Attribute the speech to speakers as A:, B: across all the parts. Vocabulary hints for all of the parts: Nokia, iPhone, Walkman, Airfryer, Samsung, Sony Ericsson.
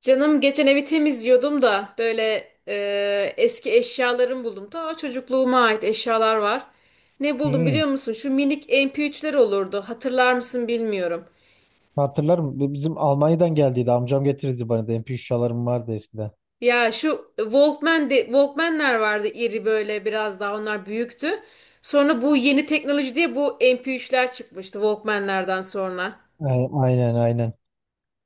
A: Canım geçen evi temizliyordum da böyle eski eşyalarımı buldum. Ta çocukluğuma ait eşyalar var. Ne buldum
B: Hmm,
A: biliyor musun? Şu minik MP3'ler olurdu. Hatırlar mısın bilmiyorum.
B: hatırlarım. Bizim Almanya'dan geldiydi. Amcam getirirdi bana da. MP3 çalarım vardı eskiden.
A: Ya şu Walkman'ler vardı iri böyle biraz daha onlar büyüktü. Sonra bu yeni teknoloji diye bu MP3'ler çıkmıştı Walkman'lerden sonra.
B: Aynen aynen.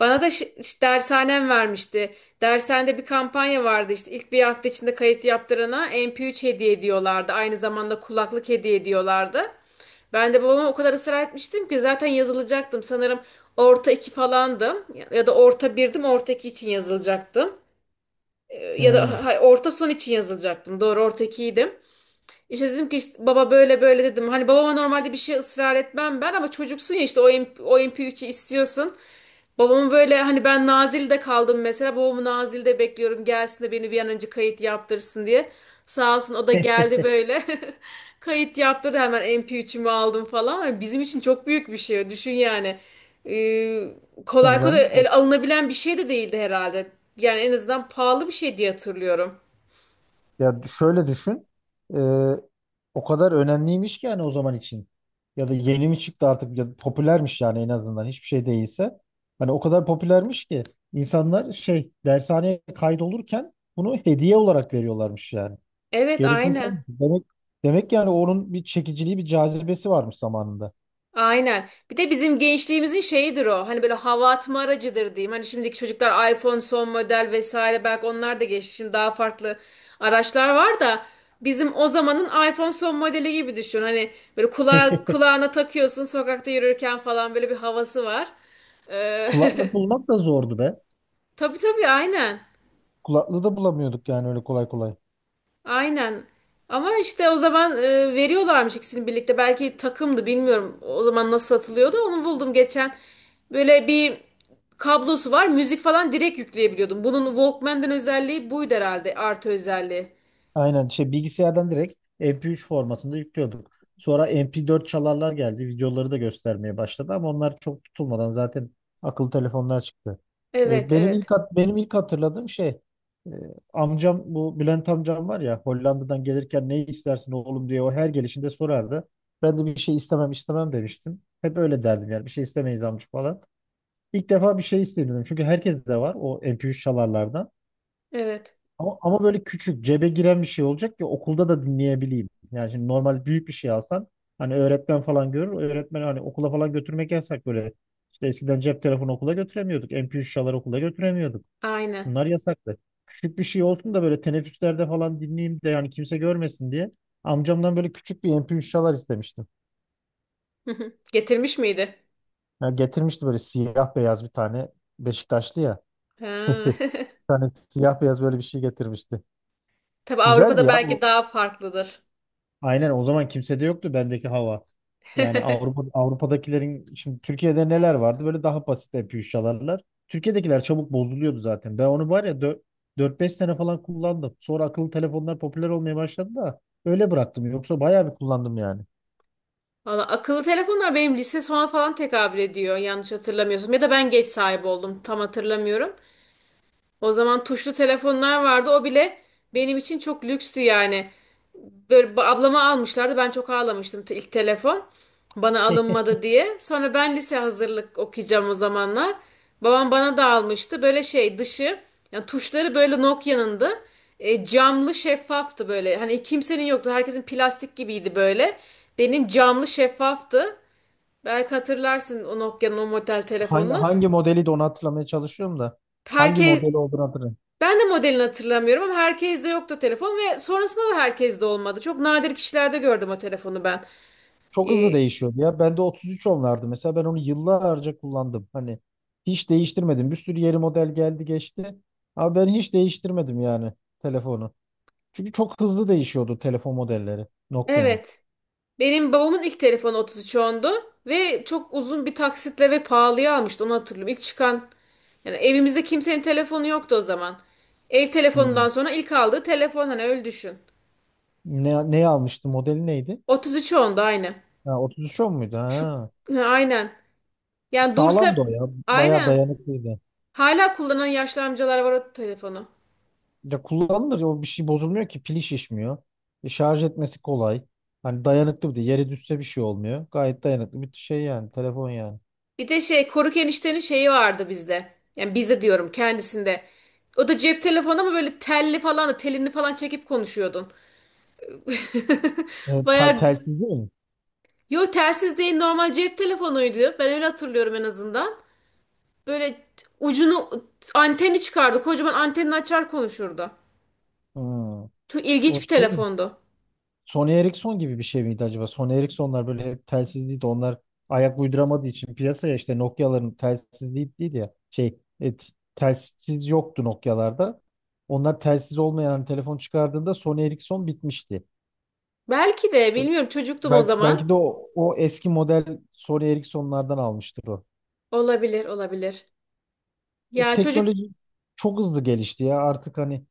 A: Bana da dershanem vermişti. Dershanede bir kampanya vardı işte ilk bir hafta içinde kayıt yaptırana MP3 hediye ediyorlardı. Aynı zamanda kulaklık hediye ediyorlardı. Ben de babama o kadar ısrar etmiştim ki zaten yazılacaktım. Sanırım orta iki falandım ya ya da orta birdim orta iki için yazılacaktım. Ee, Ya
B: Hmm.
A: da ha- orta son için yazılacaktım. Doğru orta ikiydim. İşte dedim ki işte baba böyle böyle dedim. Hani babama normalde bir şey ısrar etmem ben ama çocuksun ya işte o MP3'ü istiyorsun. Babamı böyle hani ben Nazilli'de kaldım mesela. Babamı Nazilli'de bekliyorum gelsin de beni bir an önce kayıt yaptırsın diye. Sağ olsun o da geldi böyle. Kayıt yaptırdı hemen M p 3ümü aldım falan. Hani bizim için çok büyük bir şey. Düşün yani. Ee,
B: Tabii
A: Kolay kolay
B: canım.
A: el alınabilen bir şey de değildi herhalde. Yani en azından pahalı bir şey diye hatırlıyorum.
B: Ya şöyle düşün. Ee, o kadar önemliymiş ki yani o zaman için. Ya da yeni mi çıktı artık, ya da popülermiş, yani en azından hiçbir şey değilse. Hani o kadar popülermiş ki insanlar şey dershaneye kaydolurken bunu hediye olarak veriyorlarmış yani.
A: Evet,
B: Gerisini sen
A: aynen.
B: demek yani, onun bir çekiciliği, bir cazibesi varmış zamanında.
A: Aynen. Bir de bizim gençliğimizin şeyidir o. Hani böyle hava atma aracıdır diyeyim. Hani şimdiki çocuklar iPhone son model vesaire belki onlar da geçti. Şimdi daha farklı araçlar var da bizim o zamanın iPhone son modeli gibi düşün. Hani böyle kulağına takıyorsun sokakta yürürken falan böyle bir havası var. Ee,
B: Kulaklık bulmak da zordu be.
A: tabii tabii, aynen.
B: Kulaklığı da bulamıyorduk yani, öyle kolay kolay.
A: Aynen. Ama işte o zaman veriyorlarmış ikisini birlikte. Belki takımdı bilmiyorum. O zaman nasıl satılıyordu. Onu buldum geçen. Böyle bir kablosu var. Müzik falan direkt yükleyebiliyordum. Bunun Walkman'den özelliği buydu herhalde. Artı özelliği.
B: Aynen, şey bilgisayardan direkt MP3 formatında yüklüyorduk. Sonra MP4 çalarlar geldi. Videoları da göstermeye başladı ama onlar çok tutulmadan zaten akıllı telefonlar çıktı.
A: Evet,
B: Benim ilk
A: evet.
B: hatırladığım şey, e, amcam, bu Bülent amcam var ya, Hollanda'dan gelirken "ne istersin oğlum" diye o her gelişinde sorardı. Ben de bir şey istemem istemem demiştim. Hep öyle derdim yani, bir şey istemeyiz amca falan. İlk defa bir şey istedim. Çünkü herkes de var o MP3 çalarlardan.
A: Evet.
B: Ama böyle küçük, cebe giren bir şey olacak ki okulda da dinleyebileyim. Yani şimdi normal büyük bir şey alsan hani öğretmen falan görür. Öğretmen, hani okula falan götürmek yasak böyle. İşte eskiden cep telefonu okula götüremiyorduk. MP3 çalar okula götüremiyorduk.
A: Aynen.
B: Bunlar yasaktı. Küçük bir şey olsun da böyle teneffüslerde falan dinleyeyim de yani, kimse görmesin diye. Amcamdan böyle küçük bir MP3 çalar istemiştim.
A: Getirmiş miydi?
B: Ya, getirmişti böyle siyah beyaz bir tane, Beşiktaşlı ya.
A: Ha.
B: Bir tane siyah beyaz böyle bir şey getirmişti.
A: Tabii
B: Güzeldi
A: Avrupa'da
B: ya.
A: belki daha farklıdır.
B: Aynen, o zaman kimsede yoktu bendeki hava. Yani Avrupa Avrupa'dakilerin şimdi Türkiye'de neler vardı? Böyle daha basit MP3. Türkiye'dekiler çabuk bozuluyordu zaten. Ben onu var ya 4-5 sene falan kullandım. Sonra akıllı telefonlar popüler olmaya başladı da öyle bıraktım. Yoksa bayağı bir kullandım yani.
A: Valla akıllı telefonlar benim lise sona falan tekabül ediyor yanlış hatırlamıyorsam. Ya da ben geç sahibi oldum tam hatırlamıyorum. O zaman tuşlu telefonlar vardı. O bile benim için çok lükstü yani. Böyle ablama almışlardı. Ben çok ağlamıştım ilk telefon. Bana alınmadı diye. Sonra ben lise hazırlık okuyacağım o zamanlar. Babam bana da almıştı. Böyle şey dışı yani tuşları böyle Nokia'nındı. Camlı şeffaftı böyle. Hani kimsenin yoktu. Herkesin plastik gibiydi böyle. Benim camlı şeffaftı. Belki hatırlarsın o Nokia'nın o model
B: hangi,
A: telefonunu.
B: hangi modeli de, onu hatırlamaya çalışıyorum da. Hangi
A: Herkes
B: modeli olduğunu hatırlamıyorum.
A: ben de modelini hatırlamıyorum ama herkeste yoktu telefon ve sonrasında da herkeste olmadı. Çok nadir kişilerde gördüm o telefonu ben.
B: Çok hızlı
A: Ee,
B: değişiyordu ya. Bende 33 onlardı. Mesela ben onu yıllarca kullandım. Hani hiç değiştirmedim. Bir sürü yeni model geldi geçti. Ama ben hiç değiştirmedim yani telefonu. Çünkü çok hızlı değişiyordu telefon modelleri Nokia'nın.
A: evet. Benim babamın ilk telefonu 3310'du ve çok uzun bir taksitle ve pahalıya almıştı onu hatırlıyorum. İlk çıkan yani evimizde kimsenin telefonu yoktu o zaman. Ev
B: Hmm.
A: telefonundan sonra ilk aldığı telefon hani öyle düşün.
B: Neyi almıştı? Modeli neydi?
A: 3310'du aynı.
B: Ha, 3310 muydu?
A: Şu
B: Ha.
A: ha, aynen. Yani
B: Sağlamdı
A: dursa
B: o ya. Bayağı
A: aynen.
B: dayanıklıydı.
A: Hala kullanan yaşlı amcalar var o telefonu.
B: Ya, kullanılır. O, bir şey bozulmuyor ki. Pili şişmiyor. Şarj etmesi kolay. Hani dayanıklı bir de. Yere düşse bir şey olmuyor. Gayet dayanıklı bir şey yani. Telefon yani.
A: Bir de şey Koruk eniştenin şeyi vardı bizde. Yani bizde diyorum kendisinde. O da cep telefonu ama böyle telli falan da telini falan çekip konuşuyordun.
B: E, tel-
A: Baya
B: telsizli mi?
A: yo telsiz değil normal cep telefonuydu. Ben öyle hatırlıyorum en azından. Böyle ucunu anteni çıkardı. Kocaman antenini açar konuşurdu.
B: Hmm.
A: Çok
B: O
A: ilginç bir
B: şey mi?
A: telefondu.
B: Sony Ericsson gibi bir şey miydi acaba? Sony Ericsson'lar böyle hep telsizliydi. Onlar ayak uyduramadığı için piyasaya, işte, Nokia'ların telsizliği değil ya. Şey, telsiz yoktu Nokia'larda. Onlar telsiz olmayan hani telefon çıkardığında Sony Ericsson bitmişti.
A: Belki de bilmiyorum çocuktum o
B: Bel
A: zaman.
B: belki de o eski model Sony Ericsson'lardan almıştır o.
A: Olabilir olabilir.
B: E,
A: Ya çocuk
B: teknoloji çok hızlı gelişti ya. Artık hani,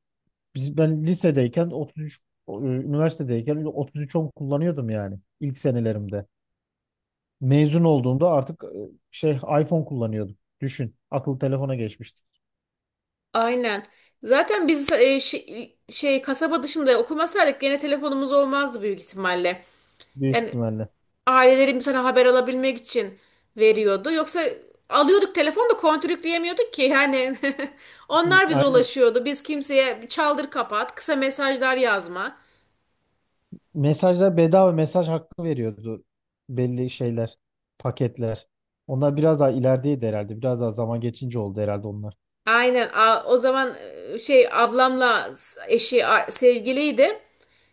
B: ben lisedeyken 33, üniversitedeyken 3310 kullanıyordum yani, ilk senelerimde. Mezun olduğumda artık şey iPhone kullanıyordum. Düşün, akıllı telefona geçmiştik
A: aynen. Zaten biz kasaba dışında okumasaydık gene telefonumuz olmazdı büyük ihtimalle.
B: büyük
A: Yani
B: ihtimalle.
A: ailelerim sana haber alabilmek için veriyordu. Yoksa alıyorduk telefonu da kontürkleyemiyorduk ki yani.
B: Hı,
A: Onlar bize
B: aynen.
A: ulaşıyordu. Biz kimseye çaldır kapat, kısa mesajlar yazma.
B: Mesajlar, bedava mesaj hakkı veriyordu belli şeyler, paketler. Onlar biraz daha ilerideydi herhalde. Biraz daha zaman geçince oldu herhalde onlar.
A: Aynen. O zaman ablamla eşi sevgiliydi.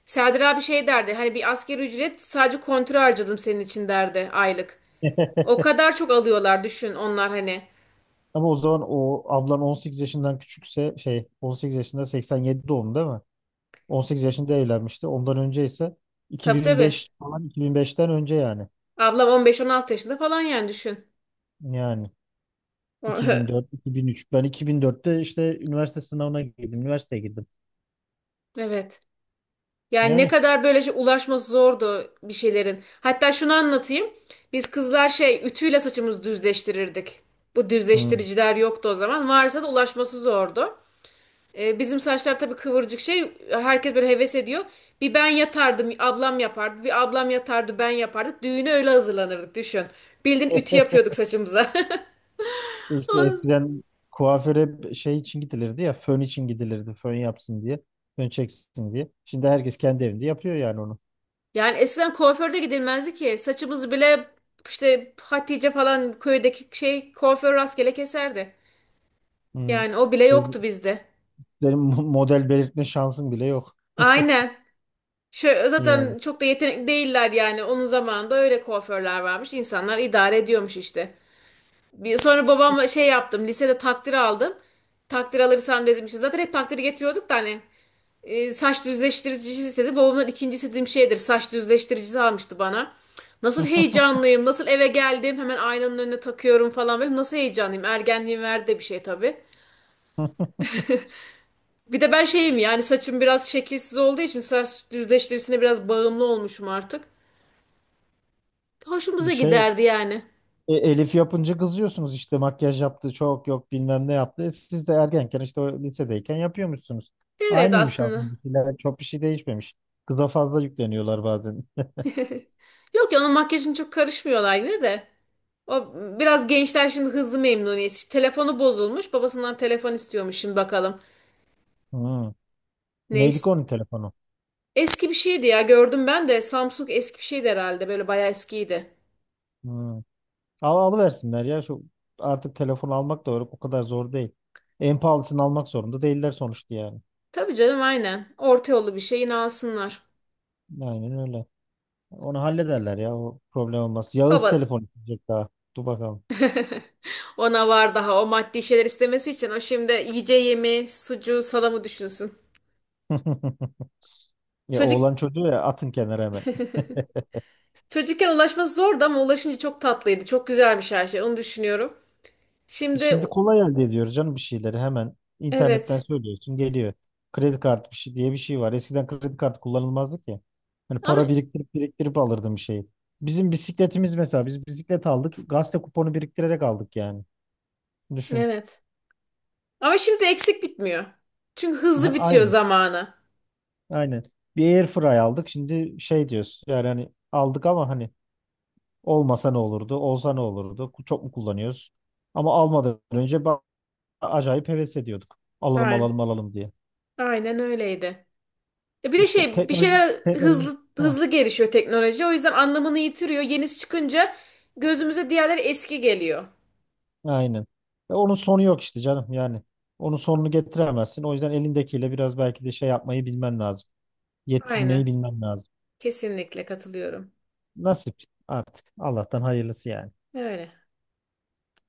A: Serdar abi şey derdi. Hani bir asgari ücret sadece kontrol harcadım senin için derdi aylık. O kadar çok alıyorlar düşün onlar hani.
B: Ama o zaman o ablan 18 yaşından küçükse, şey, 18 yaşında, 87 doğumlu değil mi? 18 yaşında evlenmişti. Ondan önce ise
A: Tabii, tabii.
B: 2005 falan, 2005'ten önce yani.
A: Ablam 15-16 yaşında falan yani düşün.
B: Yani
A: O-
B: 2004, 2003. Ben 2004'te işte üniversite sınavına girdim. Üniversiteye girdim.
A: Evet. Yani ne
B: Yani,
A: kadar böyle şey ulaşması zordu bir şeylerin. Hatta şunu anlatayım. Biz kızlar şey ütüyle saçımızı düzleştirirdik. Bu
B: hı.
A: düzleştiriciler yoktu o zaman. Varsa da ulaşması zordu. Bizim saçlar tabii kıvırcık şey. Herkes böyle heves ediyor. Bir ben yatardım, ablam yapardı. Bir ablam yatardı, ben yapardık. Düğüne öyle hazırlanırdık düşün. Bildiğin ütü yapıyorduk saçımıza.
B: işte eskiden kuaföre, şey için gidilirdi ya, fön için gidilirdi. Fön yapsın diye. Fön çeksin diye. Şimdi herkes kendi evinde yapıyor yani onu.
A: Yani eskiden kuaförde gidilmezdi ki. Saçımız bile işte Hatice falan köydeki şey kuaför rastgele keserdi.
B: Hı.
A: Yani o bile
B: Şey,
A: yoktu bizde.
B: senin model belirtme şansın bile yok.
A: Aynen. Şöyle,
B: Yani.
A: zaten çok da yetenekli değiller yani. Onun zamanında öyle kuaförler varmış. İnsanlar idare ediyormuş işte. Bir, sonra babam şey yaptım. Lisede takdir aldım. Takdir alırsam dedim işte. Zaten hep takdir getiriyorduk da hani. Saç düzleştiricisi istedi. Babamdan ikinci istediğim şeydir. Saç düzleştiricisi almıştı bana. Nasıl heyecanlıyım, nasıl eve geldim, hemen aynanın önüne takıyorum falan böyle. Nasıl heyecanlıyım, ergenliğin verdi de bir şey tabii. Bir de ben şeyim yani saçım biraz şekilsiz olduğu için saç düzleştiricisine biraz bağımlı olmuşum artık. Hoşumuza
B: Şey,
A: giderdi yani.
B: Elif yapınca kızıyorsunuz, işte, makyaj yaptı, çok yok, bilmem ne yaptı. Siz de ergenken, işte o lisedeyken, yapıyormuşsunuz.
A: Evet
B: Aynıymış
A: aslında.
B: aslında, bir şeyler çok, bir şey değişmemiş. Kıza fazla yükleniyorlar bazen.
A: Yok ya onun makyajını çok karışmıyorlar yine de. O biraz gençler şimdi hızlı memnuniyet. İşte telefonu bozulmuş. Babasından telefon istiyormuş şimdi bakalım.
B: Hmm.
A: Ne
B: Neydi ki
A: istiyor?
B: onun telefonu?
A: Eski bir şeydi ya gördüm ben de Samsung eski bir şeydi herhalde böyle bayağı eskiydi.
B: Hmm. Alıversinler ya şu, artık telefon almak da o kadar zor değil. En pahalısını almak zorunda değiller sonuçta yani.
A: Tabii canım aynen orta yollu bir şey yine alsınlar.
B: Aynen öyle. Onu hallederler ya, o problem olmaz. Yağız
A: Baba
B: telefon isteyecek daha. Dur bakalım.
A: ona var daha o maddi şeyler istemesi için o şimdi yiyeceği yemeği sucuğu salamı düşünsün.
B: Ya,
A: Çocuk
B: oğlan çocuğu ya, atın kenara hemen.
A: çocukken ulaşması zordu ama ulaşınca çok tatlıydı çok güzelmiş her şey onu düşünüyorum.
B: Şimdi
A: Şimdi
B: kolay elde ediyoruz canım, bir şeyleri hemen internetten
A: evet
B: söylüyorsun, geliyor. Kredi kartı bir şey diye bir şey var. Eskiden kredi kartı kullanılmazdı ki. Hani
A: ama
B: para biriktirip biriktirip alırdım bir şeyi. Bizim bisikletimiz mesela, biz bisiklet aldık. Gazete kuponu biriktirerek aldık yani. Düşün.
A: evet ama şimdi eksik bitmiyor. Çünkü hızlı
B: Ha,
A: bitiyor
B: aynen.
A: zamanı.
B: Aynen. Bir Airfryer aldık. Şimdi şey diyoruz. Yani hani aldık ama hani, olmasa ne olurdu? Olsa ne olurdu? Çok mu kullanıyoruz? Ama almadan önce acayip heves ediyorduk. Alalım
A: Aynen.
B: alalım alalım diye.
A: Aynen öyleydi. Ya bir de
B: İşte
A: şey bir
B: teknoloji,
A: şeyler
B: teknoloji.
A: hızlı
B: Heh,
A: hızlı gelişiyor teknoloji. O yüzden anlamını yitiriyor. Yenisi çıkınca gözümüze diğerleri eski geliyor.
B: aynen. Ve onun sonu yok işte canım yani. Onun sonunu getiremezsin. O yüzden elindekiyle biraz belki de şey yapmayı bilmen lazım. Yetinmeyi
A: Aynen.
B: bilmen lazım.
A: Kesinlikle katılıyorum.
B: Nasip artık. Allah'tan hayırlısı yani.
A: Öyle.